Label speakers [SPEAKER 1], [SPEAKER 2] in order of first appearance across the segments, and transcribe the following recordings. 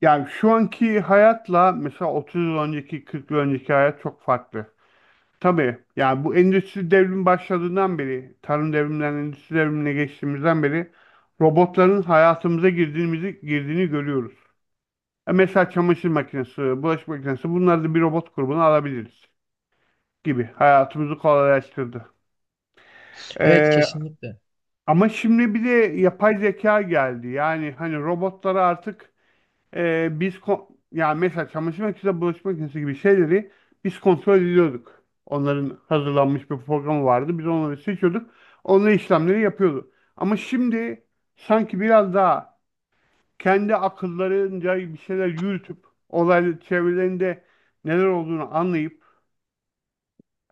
[SPEAKER 1] Yani şu anki hayatla mesela 30 yıl önceki, 40 yıl önceki hayat çok farklı. Tabii yani bu endüstri devrimi başladığından beri, tarım devriminden endüstri devrimine geçtiğimizden beri robotların hayatımıza girdiğimizi, girdiğini görüyoruz. E mesela çamaşır makinesi, bulaşık makinesi bunları da bir robot grubuna alabiliriz gibi hayatımızı kolaylaştırdı.
[SPEAKER 2] Evet,
[SPEAKER 1] E,
[SPEAKER 2] kesinlikle.
[SPEAKER 1] Ama şimdi bir de yapay zeka geldi. Yani hani robotlara artık yani mesela çamaşır makinesi, bulaşık makinesi gibi şeyleri biz kontrol ediyorduk. Onların hazırlanmış bir programı vardı. Biz onları seçiyorduk. Onunla işlemleri yapıyordu. Ama şimdi sanki biraz daha kendi akıllarınca bir şeyler yürütüp olaylı çevrelerinde neler olduğunu anlayıp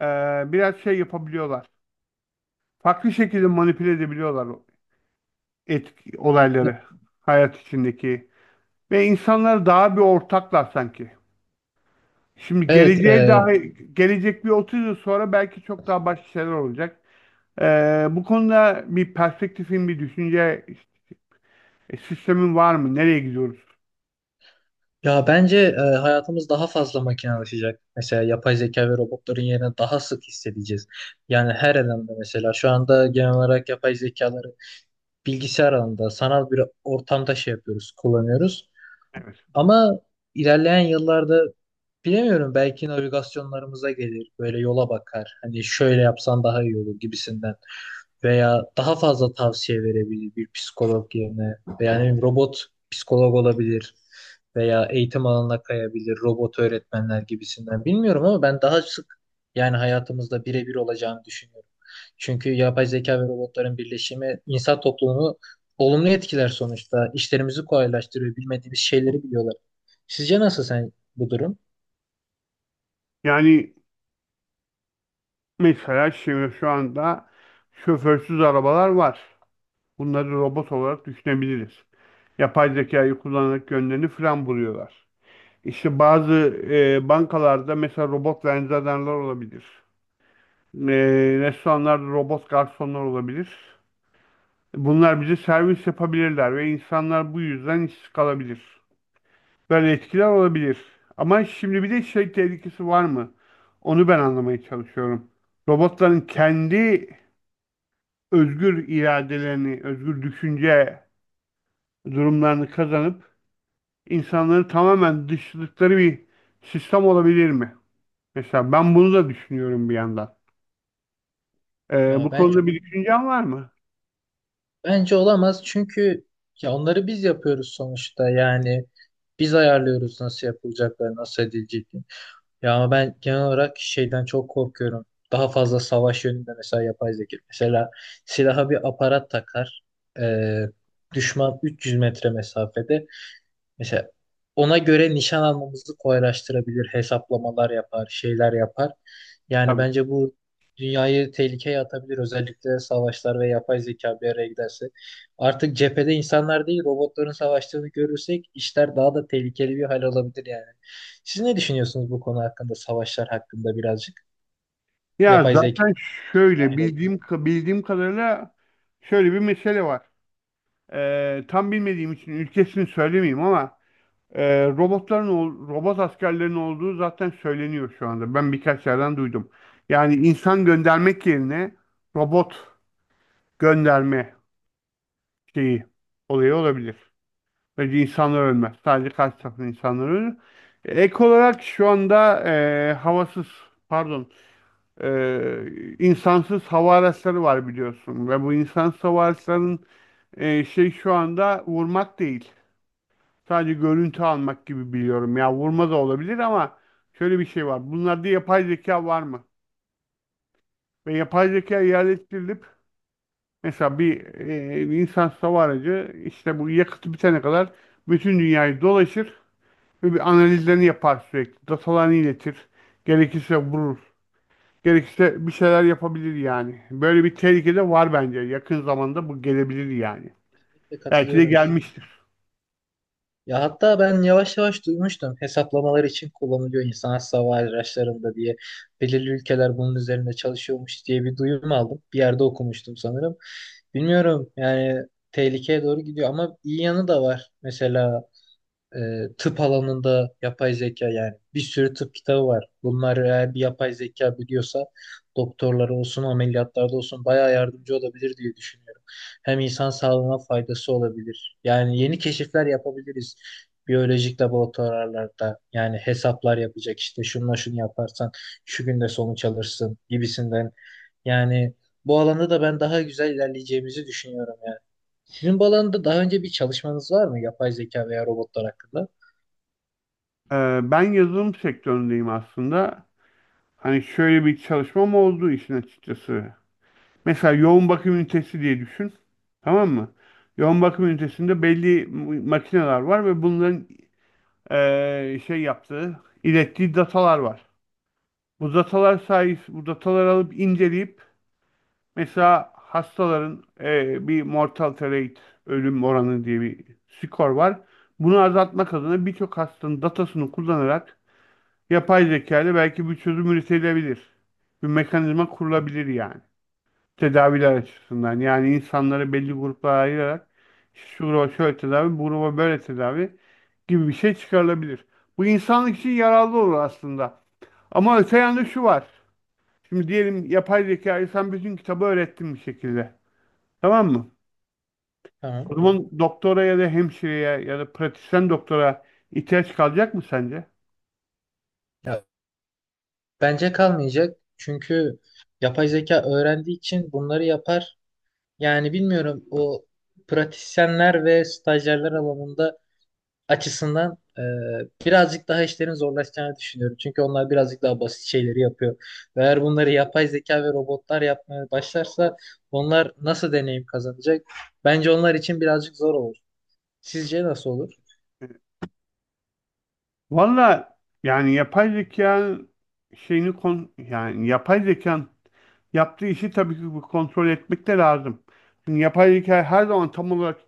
[SPEAKER 1] e, biraz şey yapabiliyorlar. Farklı şekilde manipüle edebiliyorlar o etki, olayları hayat içindeki. Ve insanlar daha bir ortaklar sanki. Şimdi
[SPEAKER 2] Evet
[SPEAKER 1] geleceğe
[SPEAKER 2] e,
[SPEAKER 1] dair, gelecek bir 30 yıl sonra belki çok daha başka şeyler olacak. Bu konuda bir perspektifin, bir düşünce sistemin var mı? Nereye gidiyoruz?
[SPEAKER 2] ya bence hayatımız daha fazla makinalaşacak. Mesela yapay zeka ve robotların yerine daha sık hissedeceğiz. Yani her alanda mesela şu anda genel olarak yapay zekaları bilgisayar alanında sanal bir ortamda şey yapıyoruz, kullanıyoruz.
[SPEAKER 1] Evet.
[SPEAKER 2] Ama ilerleyen yıllarda bilemiyorum, belki navigasyonlarımıza gelir. Böyle yola bakar. Hani şöyle yapsan daha iyi olur gibisinden. Veya daha fazla tavsiye verebilir bir psikolog yerine veya ne bileyim, robot psikolog olabilir veya eğitim alanına kayabilir, robot öğretmenler gibisinden. Bilmiyorum ama ben daha sık, yani hayatımızda birebir olacağını düşünüyorum. Çünkü yapay zeka ve robotların birleşimi insan toplumunu olumlu etkiler sonuçta. İşlerimizi kolaylaştırıyor, bilmediğimiz şeyleri biliyorlar. Sizce nasıl sen bu durum?
[SPEAKER 1] Yani mesela şimdi şu anda şoförsüz arabalar var. Bunları robot olarak düşünebiliriz. Yapay zekayı kullanarak yönlerini fren buluyorlar. İşte bazı bankalarda mesela robot vernizyaderler olabilir. E, Restoranlarda robot garsonlar olabilir. Bunlar bize servis yapabilirler ve insanlar bu yüzden işsiz kalabilir. Böyle etkiler olabilir. Ama şimdi bir de şey tehlikesi var mı? Onu ben anlamaya çalışıyorum. Robotların kendi özgür iradelerini, özgür düşünce durumlarını kazanıp insanları tamamen dışladıkları bir sistem olabilir mi? Mesela ben bunu da düşünüyorum bir yandan.
[SPEAKER 2] Ya
[SPEAKER 1] Bu
[SPEAKER 2] bence
[SPEAKER 1] konuda bir düşüncen var mı?
[SPEAKER 2] Bence olamaz çünkü ya onları biz yapıyoruz sonuçta, yani biz ayarlıyoruz nasıl yapılacakları, nasıl edileceklerini. Ya ama ben genel olarak şeyden çok korkuyorum. Daha fazla savaş yönünde mesela yapay zeka. Mesela silaha bir aparat takar. Ee, Düşman 300 metre mesafede. Mesela ona göre nişan almamızı kolaylaştırabilir, hesaplamalar yapar, şeyler yapar. Yani
[SPEAKER 1] Tabii.
[SPEAKER 2] bence bu dünyayı tehlikeye atabilir. Özellikle savaşlar ve yapay zeka bir araya giderse. Artık cephede insanlar değil, robotların savaştığını görürsek işler daha da tehlikeli bir hal alabilir yani. Siz ne düşünüyorsunuz bu konu hakkında, savaşlar hakkında birazcık?
[SPEAKER 1] Ya
[SPEAKER 2] Yapay zeka
[SPEAKER 1] zaten şöyle
[SPEAKER 2] dahil olması.
[SPEAKER 1] bildiğim kadarıyla şöyle bir mesele var. Tam bilmediğim için ülkesini söylemeyeyim ama robot askerlerin olduğu zaten söyleniyor şu anda. Ben birkaç yerden duydum. Yani insan göndermek yerine robot gönderme şeyi olayı olabilir. Böylece insanlar ölmez. Sadece karşı tarafın insanlar ölür. Ek olarak şu anda e, havasız pardon insansız hava araçları var biliyorsun ve bu insansız hava
[SPEAKER 2] Evet,
[SPEAKER 1] araçlarının şey şu anda vurmak değil. Sadece görüntü almak gibi biliyorum. Ya vurma da olabilir ama şöyle bir şey var. Bunlarda yapay zeka var mı? Ve yapay zeka yerleştirilip mesela bir insansız hava aracı işte bu yakıtı bitene kadar bütün dünyayı dolaşır ve bir analizlerini yapar sürekli. Datalarını iletir. Gerekirse vurur. Gerekirse bir şeyler yapabilir yani. Böyle bir tehlike de var bence. Yakın zamanda bu gelebilir yani.
[SPEAKER 2] kesinlikle
[SPEAKER 1] Belki de
[SPEAKER 2] katılıyorum size.
[SPEAKER 1] gelmiştir.
[SPEAKER 2] Ya hatta ben yavaş yavaş duymuştum, hesaplamalar için kullanılıyor insan hava araçlarında diye. Belirli ülkeler bunun üzerinde çalışıyormuş diye bir duyum aldım. Bir yerde okumuştum sanırım. Bilmiyorum yani, tehlikeye doğru gidiyor ama iyi yanı da var. Mesela e, tıp alanında yapay zeka, yani bir sürü tıp kitabı var. Bunlar eğer bir yapay zeka biliyorsa doktorlara olsun, ameliyatlarda olsun bayağı yardımcı olabilir diye düşünüyorum. Hem insan sağlığına faydası olabilir. Yani yeni keşifler yapabiliriz. Biyolojik laboratuvarlarda yani hesaplar yapacak, işte şunla şunu yaparsan şu günde sonuç alırsın gibisinden. Yani bu alanda da ben daha güzel ilerleyeceğimizi düşünüyorum yani. Sizin bu alanda daha önce bir çalışmanız var mı, yapay zeka veya robotlar hakkında?
[SPEAKER 1] Ben yazılım sektöründeyim aslında. Hani şöyle bir çalışmam oldu işin açıkçası. Mesela yoğun bakım ünitesi diye düşün. Tamam mı? Yoğun bakım ünitesinde belli makineler var ve bunların şey yaptığı, ilettiği datalar var. Bu datalar sayesinde bu dataları alıp inceleyip mesela hastaların bir mortality rate, ölüm oranı diye bir skor var. Bunu azaltmak adına birçok hastanın datasını kullanarak yapay zeka ile belki bir çözüm üretilebilir. Bir mekanizma kurulabilir yani. Tedaviler açısından. Yani insanları belli gruplara ayırarak şu gruba şöyle tedavi, bu gruba böyle tedavi gibi bir şey çıkarılabilir. Bu insanlık için yararlı olur aslında. Ama öte yanda şu var. Şimdi diyelim yapay zekayı sen bütün kitabı öğrettin bir şekilde. Tamam mı?
[SPEAKER 2] Tamam.
[SPEAKER 1] O zaman doktora ya da hemşireye ya da pratisyen doktora ihtiyaç kalacak mı sence?
[SPEAKER 2] Ya, bence kalmayacak. Çünkü yapay zeka öğrendiği için bunları yapar. Yani bilmiyorum, o pratisyenler ve stajyerler alanında açısından, birazcık daha işlerin zorlaşacağını düşünüyorum. Çünkü onlar birazcık daha basit şeyleri yapıyor. Ve eğer bunları yapay zeka ve robotlar yapmaya başlarsa onlar nasıl deneyim kazanacak? Bence onlar için birazcık zor olur. Sizce nasıl olur?
[SPEAKER 1] Valla yani yapay zeka şeyini kon yani yapay zekan yaptığı işi tabii ki bu kontrol etmek de lazım. Çünkü yapay zeka her zaman tam olarak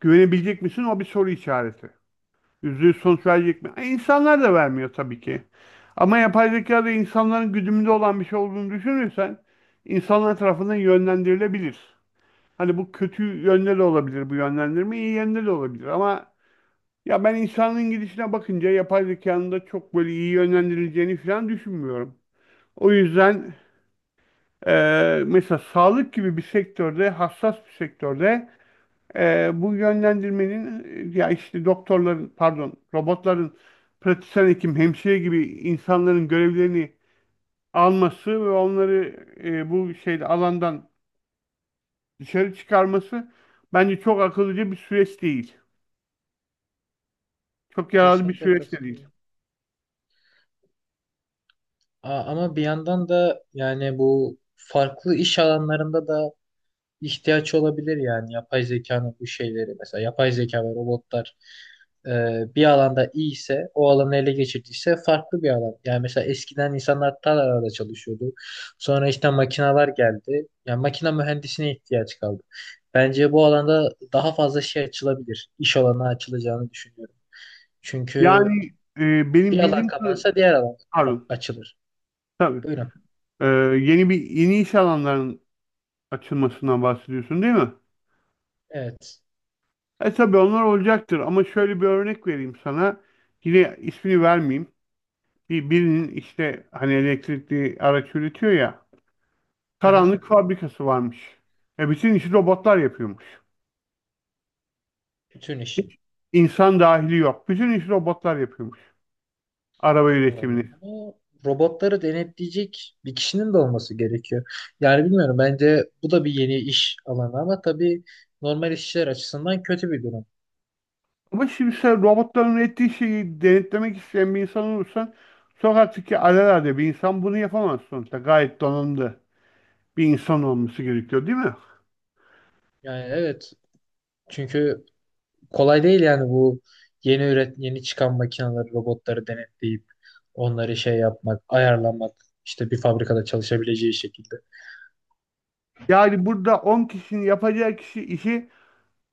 [SPEAKER 1] güvenebilecek misin? O bir soru işareti. Yüzde yüz sonuç verecek mi? İnsanlar da vermiyor tabii ki. Ama yapay zekada insanların güdümünde olan bir şey olduğunu düşünürsen insanlar tarafından yönlendirilebilir. Hani bu kötü yönde de olabilir bu yönlendirme, iyi yönde de olabilir ama ya ben insanın gidişine bakınca yapay zekanın da çok böyle iyi yönlendirileceğini falan düşünmüyorum. O yüzden mesela sağlık gibi bir sektörde, hassas bir sektörde bu yönlendirmenin ya işte doktorların, pardon, robotların pratisyen hekim, hemşire gibi insanların görevlerini alması ve onları bu şeyde alandan dışarı çıkarması bence çok akıllıca bir süreç değil. Çok yararlı bir
[SPEAKER 2] Kesinlikle
[SPEAKER 1] süreç de değil.
[SPEAKER 2] katılıyorum. Ama bir yandan da yani bu farklı iş alanlarında da ihtiyaç olabilir, yani yapay zekanın bu şeyleri, mesela yapay zeka ve robotlar bir alanda iyi ise, o alanı ele geçirdiyse farklı bir alan. Yani mesela eskiden insanlar tarlalarda çalışıyordu. Sonra işte makineler geldi. Yani makine mühendisine ihtiyaç kaldı. Bence bu alanda daha fazla şey açılabilir. İş alanı açılacağını düşünüyorum. Çünkü
[SPEAKER 1] Yani e,
[SPEAKER 2] bir
[SPEAKER 1] benim
[SPEAKER 2] alan
[SPEAKER 1] bildiğim kı-
[SPEAKER 2] kapanırsa diğer alan
[SPEAKER 1] pardon
[SPEAKER 2] açılır.
[SPEAKER 1] tabii
[SPEAKER 2] Buyurun.
[SPEAKER 1] E, Yeni bir yeni iş alanlarının açılmasından bahsediyorsun değil mi?
[SPEAKER 2] Evet.
[SPEAKER 1] E tabii onlar olacaktır ama şöyle bir örnek vereyim sana. Yine ismini vermeyeyim. Bir, birinin işte hani elektrikli araç üretiyor ya
[SPEAKER 2] Hı hı,
[SPEAKER 1] karanlık fabrikası varmış. E bütün işi robotlar yapıyormuş.
[SPEAKER 2] bütün işi.
[SPEAKER 1] Hiç insan dahili yok. Bütün işi robotlar yapıyormuş. Araba
[SPEAKER 2] Tamam.
[SPEAKER 1] üretimini.
[SPEAKER 2] Ama robotları denetleyecek bir kişinin de olması gerekiyor. Yani bilmiyorum, bence bu da bir yeni iş alanı ama tabii normal işçiler açısından kötü bir durum.
[SPEAKER 1] Ama şimdi sen robotların ettiği şeyi denetlemek isteyen bir insan olursan sokaktaki alelade bir insan bunu yapamaz sonuçta. Gayet donanımlı bir insan olması gerekiyor değil mi?
[SPEAKER 2] Yani evet, çünkü kolay değil yani bu yeni çıkan makineleri, robotları denetleyip onları şey yapmak, ayarlamak, işte bir fabrikada çalışabileceği şekilde.
[SPEAKER 1] Yani burada 10 kişinin yapacağı kişi işi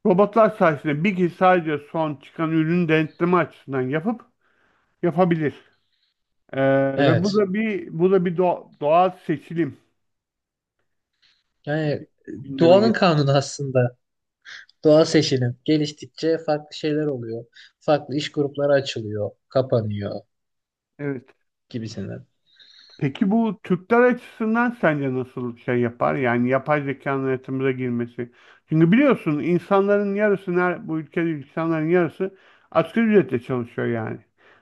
[SPEAKER 1] robotlar sayesinde bir kişi sadece son çıkan ürünü denetleme açısından yapıp yapabilir. Ve bu
[SPEAKER 2] Evet.
[SPEAKER 1] da bir doğal seçilim
[SPEAKER 2] Yani
[SPEAKER 1] gündeme
[SPEAKER 2] doğanın
[SPEAKER 1] getir.
[SPEAKER 2] kanunu aslında. Doğa seçilim geliştikçe farklı şeyler oluyor. Farklı iş grupları açılıyor, kapanıyor
[SPEAKER 1] Evet.
[SPEAKER 2] gibisinden.
[SPEAKER 1] Peki bu Türkler açısından sence nasıl şey yapar? Yani yapay zekanın hayatımıza girmesi. Çünkü biliyorsun bu ülkede insanların yarısı asgari ücretle çalışıyor yani.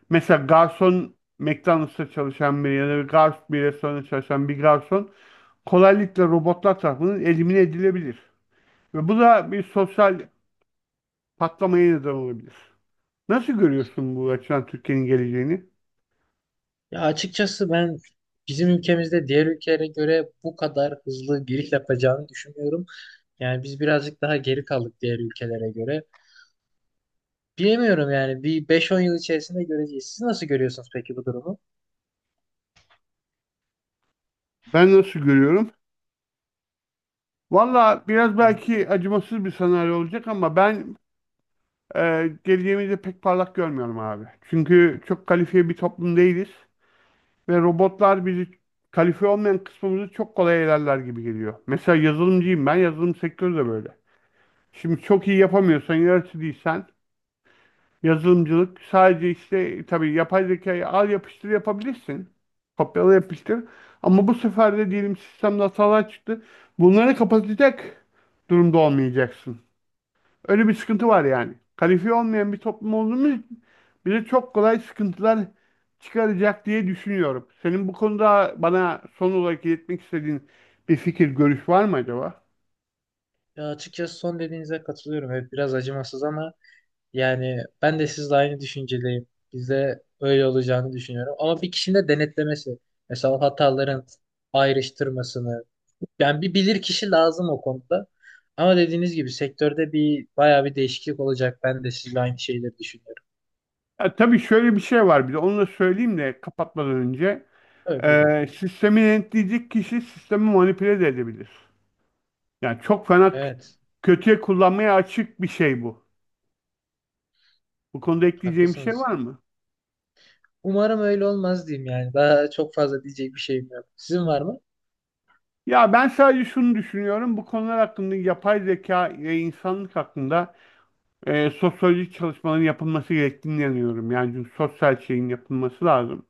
[SPEAKER 1] Mesela garson McDonald's'ta çalışan biri ya da bir garson bir restoranda çalışan bir garson kolaylıkla robotlar tarafından elimine edilebilir. Ve bu da bir sosyal patlamaya neden olabilir. Nasıl görüyorsun bu açıdan Türkiye'nin geleceğini?
[SPEAKER 2] Ya açıkçası ben bizim ülkemizde diğer ülkelere göre bu kadar hızlı giriş yapacağını düşünmüyorum. Yani biz birazcık daha geri kaldık diğer ülkelere göre. Bilemiyorum yani, bir 5-10 yıl içerisinde göreceğiz. Siz nasıl görüyorsunuz peki bu durumu?
[SPEAKER 1] Ben nasıl görüyorum? Valla biraz
[SPEAKER 2] Evet.
[SPEAKER 1] belki acımasız bir senaryo olacak ama ben geleceğimizi pek parlak görmüyorum abi. Çünkü çok kalifiye bir toplum değiliz ve robotlar bizi kalifiye olmayan kısmımızı çok kolay elerler gibi geliyor. Mesela yazılımcıyım ben, yazılım sektörü de böyle. Şimdi çok iyi yapamıyorsan, yaratıcı değilsen yazılımcılık sadece işte tabii yapay zekayı al yapıştır yapabilirsin. Kopyala yapıştır. Ama bu sefer de diyelim sistemde hatalar çıktı. Bunları kapatacak durumda olmayacaksın. Öyle bir sıkıntı var yani. Kalifiye olmayan bir toplum olduğumuz için bize çok kolay sıkıntılar çıkaracak diye düşünüyorum. Senin bu konuda bana son olarak iletmek istediğin bir fikir, görüş var mı acaba?
[SPEAKER 2] Ya açıkçası son dediğinize katılıyorum. Evet, biraz acımasız ama yani ben de sizle aynı düşüncedeyim. Bizde öyle olacağını düşünüyorum. Ama bir kişinin de denetlemesi, mesela hataların ayrıştırmasını, yani bir bilir kişi lazım o konuda. Ama dediğiniz gibi sektörde bir bayağı bir değişiklik olacak. Ben de sizle aynı şeyleri düşünüyorum.
[SPEAKER 1] Ya, tabii şöyle bir şey var bir de onu da söyleyeyim de kapatmadan önce.
[SPEAKER 2] Evet, buyurun.
[SPEAKER 1] Sistemi denetleyecek kişi sistemi manipüle de edebilir. Yani çok fena k-
[SPEAKER 2] Evet,
[SPEAKER 1] Kötüye kullanmaya açık bir şey bu. Bu konuda ekleyeceğim bir şey
[SPEAKER 2] haklısınız.
[SPEAKER 1] var mı?
[SPEAKER 2] Umarım öyle olmaz diyeyim yani. Daha çok fazla diyecek bir şeyim yok. Sizin var mı?
[SPEAKER 1] Ya ben sadece şunu düşünüyorum. Bu konular hakkında yapay zeka ve insanlık hakkında sosyolojik çalışmaların yapılması gerektiğini inanıyorum. Yani çünkü sosyal şeyin yapılması lazım.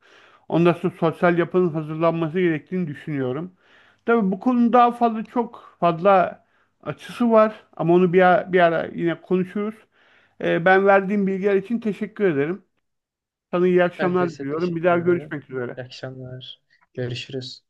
[SPEAKER 1] Ondan sonra sosyal yapının hazırlanması gerektiğini düşünüyorum. Tabii bu konunun daha fazla çok fazla açısı var ama onu bir ara yine konuşuruz. Ben verdiğim bilgiler için teşekkür ederim. Sana iyi
[SPEAKER 2] Ben de
[SPEAKER 1] akşamlar
[SPEAKER 2] size
[SPEAKER 1] diliyorum. Bir
[SPEAKER 2] teşekkür
[SPEAKER 1] daha
[SPEAKER 2] ederim.
[SPEAKER 1] görüşmek üzere.
[SPEAKER 2] İyi akşamlar. Görüşürüz.